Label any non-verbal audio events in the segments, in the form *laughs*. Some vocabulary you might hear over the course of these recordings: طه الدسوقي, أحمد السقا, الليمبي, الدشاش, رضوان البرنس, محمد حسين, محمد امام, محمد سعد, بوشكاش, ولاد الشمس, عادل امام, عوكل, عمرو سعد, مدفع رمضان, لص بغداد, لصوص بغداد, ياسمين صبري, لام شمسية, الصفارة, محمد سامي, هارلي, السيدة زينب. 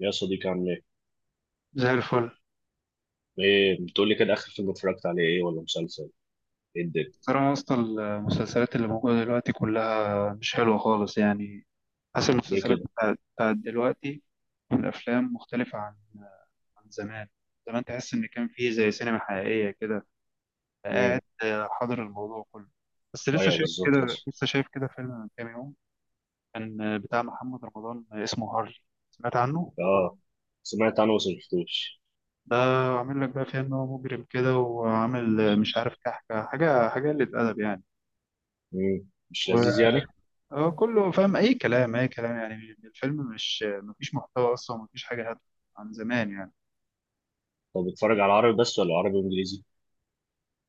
يا صديقي، عامل ايه؟ زي الفل. ايه بتقول لي كده؟ اخر فيلم اتفرجت عليه ايه ولا مسلسل؟ ايه الدنيا؟ ترى اصلا المسلسلات اللي موجوده دلوقتي كلها مش حلوه خالص يعني. حاسس ليه المسلسلات كده؟ بتاعت دلوقتي، والافلام مختلفه عن زمان. زمان تحس ان كان فيه زي سينما حقيقيه كده. امم. قاعد حاضر الموضوع كله. بس لسه ايوه، شايف كده بالظبط. لسه شايف كده فيلم من كام يوم، كان بتاع محمد رمضان اسمه هارلي، سمعت عنه؟ اه، سمعت عنه بس ما شفتوش. ده عامل لك بقى فيها ان هو مجرم كده، وعامل مش عارف كحكه حاجه حاجه، قله ادب يعني. مش لذيذ يعني؟ هو كله فاهم، اي كلام اي كلام يعني. الفيلم مش مفيش محتوى اصلا، مفيش حاجه هادفه عن زمان يعني. طب بتتفرج على عربي بس ولا عربي وانجليزي؟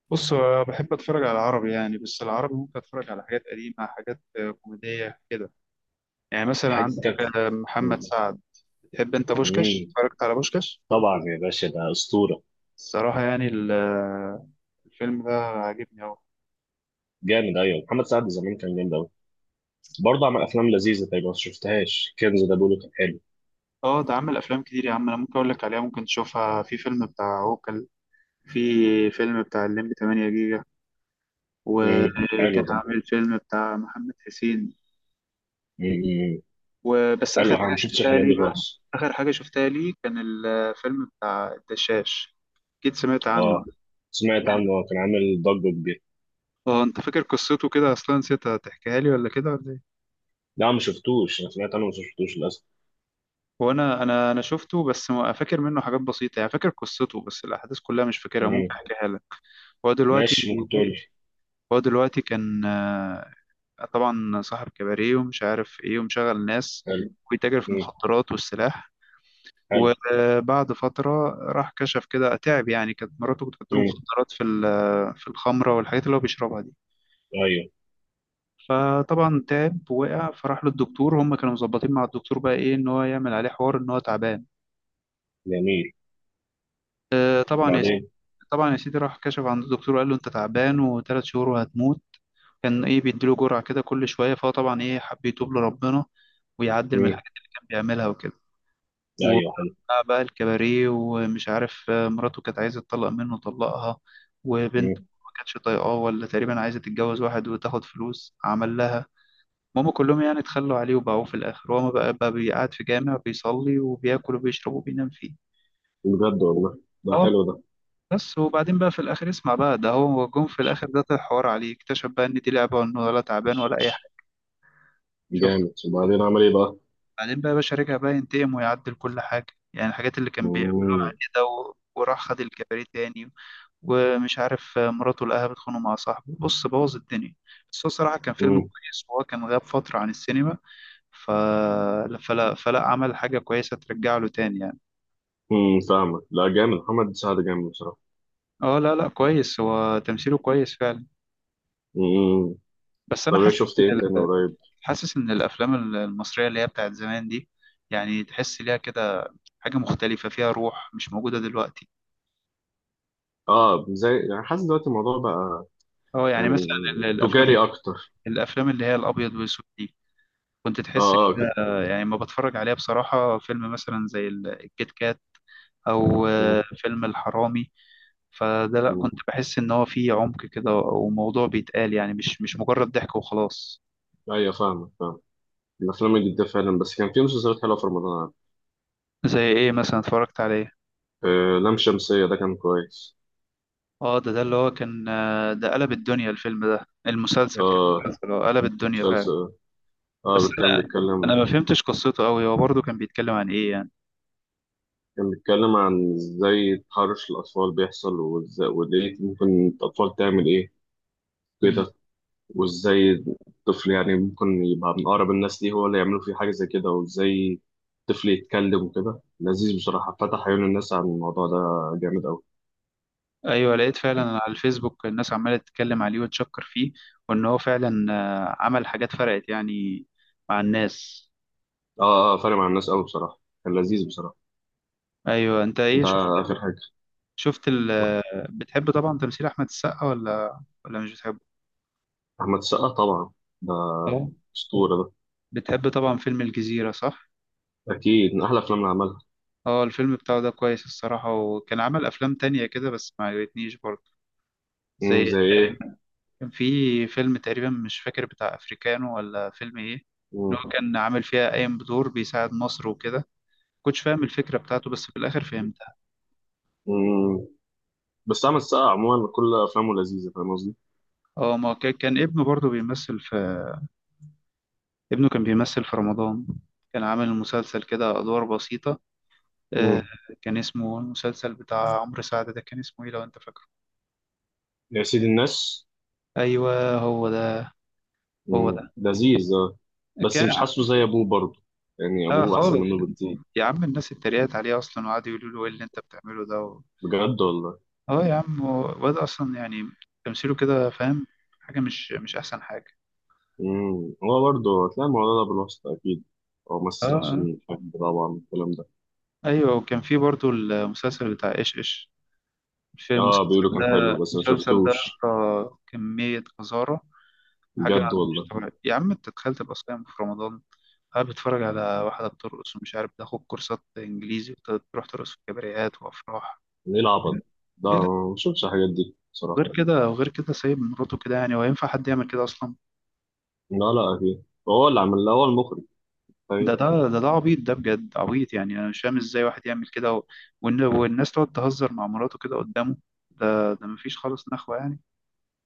بص، هو بحب اتفرج على العربي يعني، بس العربي ممكن اتفرج على حاجات قديمه، حاجات كوميديه كده. يعني في مثلا حد عندك كده. محمد امم، سعد. بتحب انت بوشكاش؟ أمم. اتفرجت على بوشكاش؟ طبعا يا باشا، ده اسطوره. الصراحه يعني الفيلم ده عاجبني قوي. جامد. ايوه، محمد سعد زمان كان جامد قوي. برضه عمل افلام لذيذه، تقريبا ما شفتهاش. كنز ده بيقولوا كان حلو. اه، ده عامل افلام كتير يا عم، انا ممكن اقول لك عليها، ممكن تشوفها. في فيلم بتاع عوكل، في فيلم بتاع الليمبي 8 جيجا، وكان حلو ده. عامل فيلم بتاع محمد حسين. امم، أمم. إمم. وبس، حلو، آخر انا ما حاجة شفتش شفتها الحاجات لي دي بقى، خالص. آخر حاجة شفتها لي كان الفيلم بتاع الدشاش، أكيد سمعت عنه. اه، سمعت عنه، كان عامل ضجه كبيره. اه انت فاكر قصته كده اصلا؟ نسيت تحكيها لي، ولا كده ولا ايه؟ لا، ما شفتوش، انا سمعت عنه بس ما شفتوش للاسف. هو انا شفته، بس فاكر منه حاجات بسيطه يعني، فاكر قصته بس الاحداث كلها مش فاكرها. ممكن مم. احكيها لك. هو دلوقتي، ماشي، ممكن تقول لي. هو دلوقتي كان طبعا صاحب كباريه، ومش عارف ايه، ومشغل ناس، حلو. ويتاجر في مم. المخدرات والسلاح. حلو. وبعد فترة راح كشف كده، تعب يعني. كانت مراته بتحط له مم. مخدرات في في الخمرة والحاجات اللي هو بيشربها دي. ايوه. فطبعا تعب، وقع، فراح للدكتور. هم كانوا مظبطين مع الدكتور بقى ايه، ان هو يعمل عليه حوار ان هو تعبان. جميل. طبعا يا سيدي، بعدين. طبعا يا سيدي، راح كشف عند الدكتور، وقال له انت تعبان، وثلاث شهور وهتموت. كان ايه بيديله جرعة كده كل شوية، فهو طبعا ايه، حب يتوب لربنا، ويعدل من مم. الحاجات اللي كان بيعملها وكده. ايوه، حلو. وبتاع بقى الكباريه، ومش عارف مراته كانت عايزة تطلق منه، طلقها. وبنت مم. ما كانتش طايقاه، ولا تقريبا عايزة تتجوز واحد وتاخد فلوس، عمل لها. هما كلهم يعني اتخلوا عليه وباعوه في الآخر، وهو بقى بيقعد في جامع، بيصلي وبياكل وبيشرب وبينام فيه. بجد والله، اه ده والله. حلو ده. بس وبعدين بقى في الآخر، اسمع بقى، ده هو جم في الآخر، ده طلع حوار عليه، اكتشف بقى إن دي لعبة، وإنه ولا تعبان ولا أي حاجة. شفت؟ جامد. وبعدين عمل ايه بقى؟ بعدين بقى يا باشا رجع بقى ينتقم، ويعدل كل حاجة، يعني الحاجات اللي كان بيعملها. مم. وراح خد الكباريه تاني، ومش عارف مراته لقاها بتخانق مع صاحبه، بص بوظ الدنيا. بس هو صراحة كان فيلم مم. كويس، وهو كان غاب فترة عن السينما. ف... فلا فلا عمل حاجة كويسة ترجع له تاني يعني. مم. فاهمك. لا جامد، محمد سعد جامد بصراحه. اه لا لا كويس، هو تمثيله كويس فعلا. مم. بس انا طب ايه حاسس شفت إن ايه تاني ال- قريب؟ حاسس ان الافلام المصرية اللي هي بتاعت زمان دي، يعني تحس ليها كده حاجة مختلفة، فيها روح مش موجودة دلوقتي. اه، زي يعني حاسس دلوقتي الموضوع بقى اه يعني مثلا يعني ال- الافلام تجاري اكتر. الافلام اللي هي الابيض والاسود، كنت اه، تحس اه، كده. كده. يعني لما بتفرج عليها بصراحة، فيلم مثلا زي الكيت كات، أو مم. فيلم الحرامي، فده لأ، كنت مم. بحس إن هو فيه عمق كده، وموضوع بيتقال، يعني مش مجرد ضحك وخلاص. ايوه، فاهمك فاهمك. الافلام الجديده فعلا، بس كان في مسلسلات حلوه في رمضان. زي إيه مثلا اتفرجت عليه؟ لام شمسية ده كان كويس. اه ده اللي هو كان ده قلب الدنيا، الفيلم ده، المسلسل كان، اه. مسلسل قلب الدنيا فعلا. مسلسل. بس اه، كان أنا بيتكلم. ما فهمتش قصته أوي. هو برضه كان بيتكلم عن إيه يعني؟ كان بيتكلم عن ازاي تحرش الأطفال بيحصل، وازاي وليه ممكن الأطفال تعمل ايه كده، وازاي الطفل يعني ممكن يبقى من أقرب الناس ليه هو اللي يعملوا فيه حاجة زي كده، وازاي الطفل يتكلم وكده. لذيذ بصراحة، فتح عيون الناس عن الموضوع ده. جامد أوي. ايوه لقيت فعلا على الفيسبوك الناس عماله تتكلم عليه وتشكر فيه، وان هو فعلا عمل حاجات فرقت يعني مع الناس. اه، اه، فارق مع الناس أوي بصراحة. كان لذيذ بصراحة. ايوه انت ايه ده شفت؟ آخر حاجة. شفت ال آه، بتحب طبعا تمثيل احمد السقا ولا مش بتحبه؟ أحمد السقا طبعا، ده اه أسطورة ده. بتحب طبعا فيلم الجزيره، صح؟ أكيد من أحلى أفلام اللي عملها. اه الفيلم بتاعه ده كويس الصراحه، وكان عمل افلام تانية كده، بس ما عجبتنيش برضه. مم، زي زي ايه؟ تقريباً- كان في فيلم تقريبا مش فاكر، بتاع افريكانو ولا فيلم ايه، مم. ان هو كان عامل فيها قايم بدور بيساعد مصر وكده. كنتش فاهم الفكرة بتاعته، بس في الآخر فهمتها. مم. بس عمل السقا عموما، كل افلامه لذيذه، فاهم قصدي؟ اه ما كان ابنه برضه بيمثل في، ابنه كان بيمثل في رمضان، كان عامل مسلسل كده، أدوار بسيطة آه. مم. كان اسمه المسلسل بتاع عمرو سعد ده، كان اسمه ايه لو انت فاكره؟ يا سيد الناس. ايوه هو ده، هو مم، ده لذيذ آه. بس مش كان. حاسه زي ابوه برضه، يعني اه ابوه احسن خالص، منه بكتير. يا عم الناس اتريقت عليه اصلا، وقعدوا يقولوا له ايه اللي انت بتعمله ده بجد والله. اه يا عم هو الواد اصلا يعني، تمثيله كده، فاهم، حاجة مش احسن حاجة. مم. هو برضه هتلاقي الموضوع ده بالواسطه اكيد، هو اه ممثل عشان حد طبعا الكلام ده. ايوه، وكان في برضه المسلسل بتاع ايش ايش، مش اه، المسلسل بيقولوا ده. كان حلو بس ما المسلسل ده يا شفتوش. اسطى كمية قذارة، حاجة بجد مش والله. طبيعية يا عم. انت تخيل تبقى صايم في رمضان، قاعد بتتفرج على واحدة بترقص، ومش عارف تاخد كورسات انجليزي، وتروح ترقص في كباريهات وافراح. ايه العبط ده ده؟ ايه؟ لا. ما شفتش الحاجات دي بصراحه. وغير كده وغير كده سايب مراته كده يعني، هو ينفع حد يعمل كده اصلا؟ لا، لا، اكيد. هو اللي عمل، هو المخرج. ده طيب. ده ده ده عبيط، ده بجد عبيط، يعني انا مش فاهم ازاي واحد يعمل كده والناس تقعد تهزر مع مراته كده قدامه. ده مفيش خالص نخوة يعني.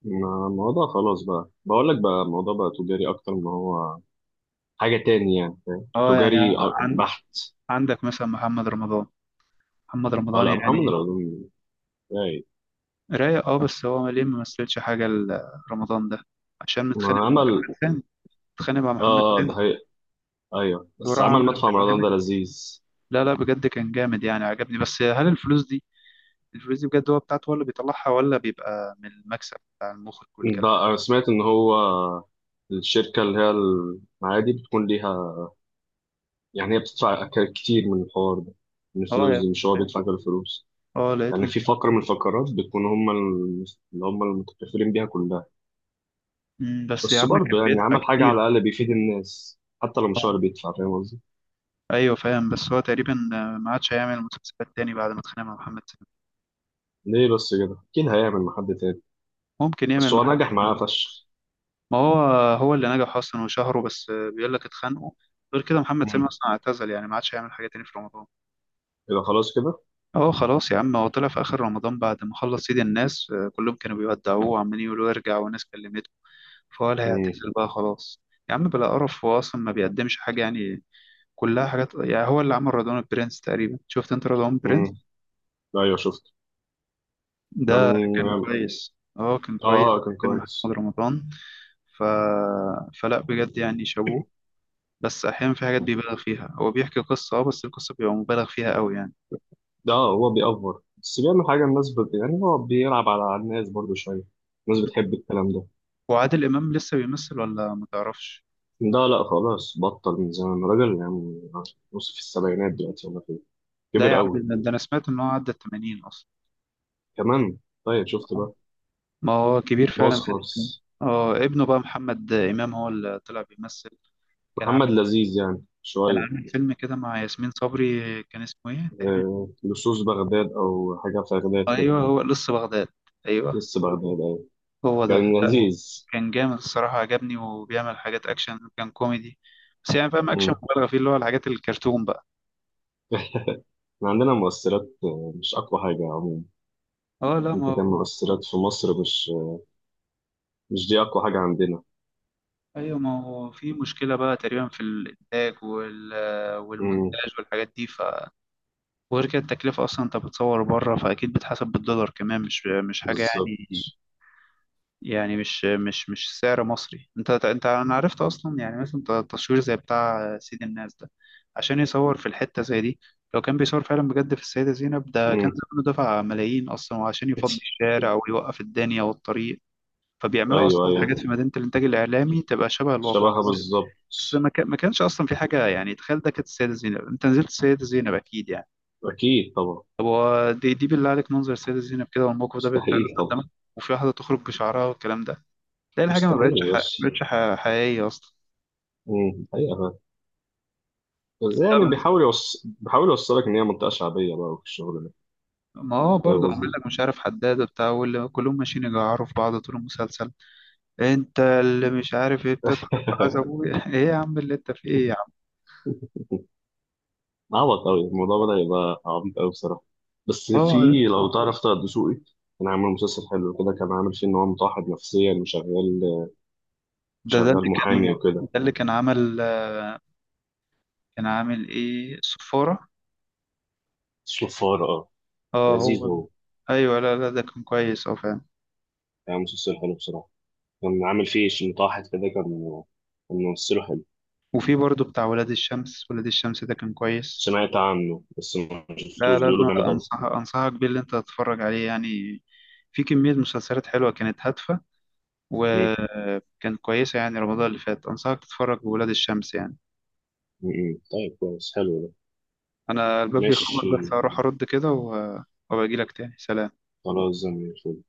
الموضوع خلاص بقى، بقول لك بقى الموضوع بقى تجاري اكتر، ما هو حاجه تاني يعني، فاهم؟ اه يعني تجاري عن... بحت. عندك مثلا محمد رمضان، اه، لا محمد يعني رمضان. اي. رايق. اه، بس هو ليه ما مثلش حاجة رمضان ده، عشان متخانق ما مع عمل. محمد سامي، متخانق مع محمد اه، ده سامي هي. ايوه، بس وراح عمل عمل مدفع رمضان برنامج. ده لذيذ. لا لا بجد كان جامد يعني، عجبني، بس هل الفلوس دي، الفلوس دي بجد هو بتاعته، هو اللي بيطلعها، ولا بيبقى من المكسب بتاع المخرج ده والكلام انا سمعت ان هو الشركه اللي هي المعادي بتكون ليها، يعني هي بتدفع كتير من الحوار ده، من ده؟ اه الفلوس يا، دي، مش هو بيدفع كل الفلوس. اه يعني لقيته. في فقره من الفقرات بتكون اللي هم المتكفلين بيها كلها. مم، بس يا بس عم برضه كان يعني بيدفع عمل حاجة على كتير. الأقل بيفيد الناس، حتى لو مش آه، هو اللي بيدفع، فاهم قصدي؟ ايوه فاهم، بس هو تقريبا ما عادش هيعمل مسلسلات تاني، بعد ما اتخانق مع محمد سامي. ليه بس كده؟ أكيد هيعمل مع حد تاني. ممكن بس يعمل مع هو حد، نجح معاه فشخ. ما هو، هو اللي نجح اصلا وشهره بس، بيقول لك اتخانقوا. غير كده محمد سامي مم. اصلا اعتزل، يعني ما عادش هيعمل حاجه تاني في رمضان. إذا خلاص كده؟ اه خلاص يا عم، هو طلع في اخر رمضان بعد ما خلص سيد الناس، كلهم كانوا بيودعوه، وعمالين يقولوا ارجع، وناس كلمته، فهو اللي مم. هيعتزل بقى خلاص. يا عم بلا قرف، هو اصلا ما بيقدمش حاجه يعني، كلها حاجات يعني. هو اللي عمل رضوان البرنس تقريبا، شفت انت رضوان البرنس؟ مم. أيوه شفت. ده كان كان كويس، اه كان آه، كويس، آه، كان كان فيلم محمد كويس. رمضان. ف... فلا بجد يعني شابوه. بس احيانا في حاجات بيبالغ فيها، هو بيحكي قصه اه، بس القصه بيبقى مبالغ فيها قوي يعني. ده هو بيأفور، بس بيعمل حاجة الناس يعني هو بيلعب على الناس برضه شوية، الناس بتحب الكلام ده. هو عادل امام لسه بيمثل ولا ما تعرفش؟ ده لا، خلاص بطل من زمان، راجل يعني نص في السبعينات دلوقتي ولا كده، لا كبر يا عم قوي. ده انا سمعت ان هو عدى ال 80 اصلا، كمان. طيب، شفت بقى؟ ما هو كبير باظ فعلا. خالص. اه ابنه بقى محمد امام هو اللي طلع بيمثل، كان محمد عامل لذيذ يعني كان شوية. عامل فيلم كده مع ياسمين صبري، كان اسمه ايه تقريبا. لصوص بغداد أو حاجة في بغداد كده. ايوه هو لص بغداد، ايوه لص بغداد، أيوة. هو ده. كان لذيذ. كان جامد الصراحه، عجبني، وبيعمل حاجات اكشن، كان كوميدي بس يعني، فاهم، اكشن مم. مبالغه فيه، اللي هو الحاجات الكرتون بقى. *laughs* إحنا عندنا مؤثرات مش أقوى حاجة عموما. اه لا ما أنت، كان هو، مؤثرات في مصر مش مش دي أقوى حاجة عندنا. ايوه ما هو في مشكله بقى تقريبا في الانتاج مم، والمونتاج والحاجات دي وغير كده التكلفه اصلا، انت بتصور بره، فاكيد بتحسب بالدولار كمان، مش حاجه بالظبط. يعني. يعني مش سعر مصري، انت انت انا عرفت اصلا يعني، مثلا تصوير زي بتاع سيد الناس ده، عشان يصور في الحته زي دي، لو كان بيصور فعلا بجد في السيده زينب، ده كان مم. زمانه دفع ملايين اصلا، وعشان يفضي *laughs* الشارع ويوقف الدنيا والطريق. فبيعملوا اصلا أيوه، أيوه، حاجات في مدينه الانتاج الاعلامي تبقى شبه الواقع شبهها بس. بالظبط. بس ما كانش اصلا في حاجه يعني، تخيل، ده كانت السيده زينب، انت نزلت السيده زينب اكيد يعني. أكيد طبعا. طب هو دي بالله عليك، منظر السيده زينب كده، والموقف ده بيتعرض مستحيل طبعا. قدامك، وفي واحده تخرج بشعرها والكلام ده، تلاقي الحاجه ما مستحيل بقتش يا ح- باشا. ما بقتش ح- حقيقيه اصلا. مم. حقيقة فعلا. بس لا يعني بس، بيحاول يوصلك إن هي منطقة شعبية بقى في الشغل ده، ما هو فاهم برضه عامل قصدي؟ لك مش عارف حداد بتاع، واللي كلهم ماشيين يجعروا في بعض طول المسلسل. انت اللي مش عارف ايه بتضحك في عز *laughs* ابويا *laughs* ايه يا عم اللي انت في ايه يا عم؟ عبط قوي، الموضوع بدأ يبقى عبيط قوي بصراحة. بس اه في، لو تعرف طه الدسوقي، كان عامل مسلسل حلو كده، كان عامل فيه إن هو متوحد نفسيا وشغال، ده ده شغال اللي محامي كان وكده. ده اللي كان عمل، كان عامل ايه، الصفاره. صفار، اه. اه لذيذ هو، هو. ايوه لا لا ده كان كويس، اه فعلا. كان مسلسل حلو بصراحة، كان عامل فيه متوحد كده. كان كان ممثله حلو. وفي برضه بتاع ولاد الشمس، ولاد الشمس ده كان كويس. سمعت عنه بس ما لا شفتوش، لا بيقولوا ده جامد أوي. انصحك بيه اللي انت تتفرج عليه يعني، في كمية مسلسلات حلوة كانت هادفة، م- وكانت كويسة يعني، رمضان اللي فات انصحك تتفرج بولاد الشمس يعني. م. طيب، كويس، حلو ده. انا الباب بيخبط، ماشي. بس هروح ارد كده وباجي لك تاني، سلام. خلاص، زي ما الفل.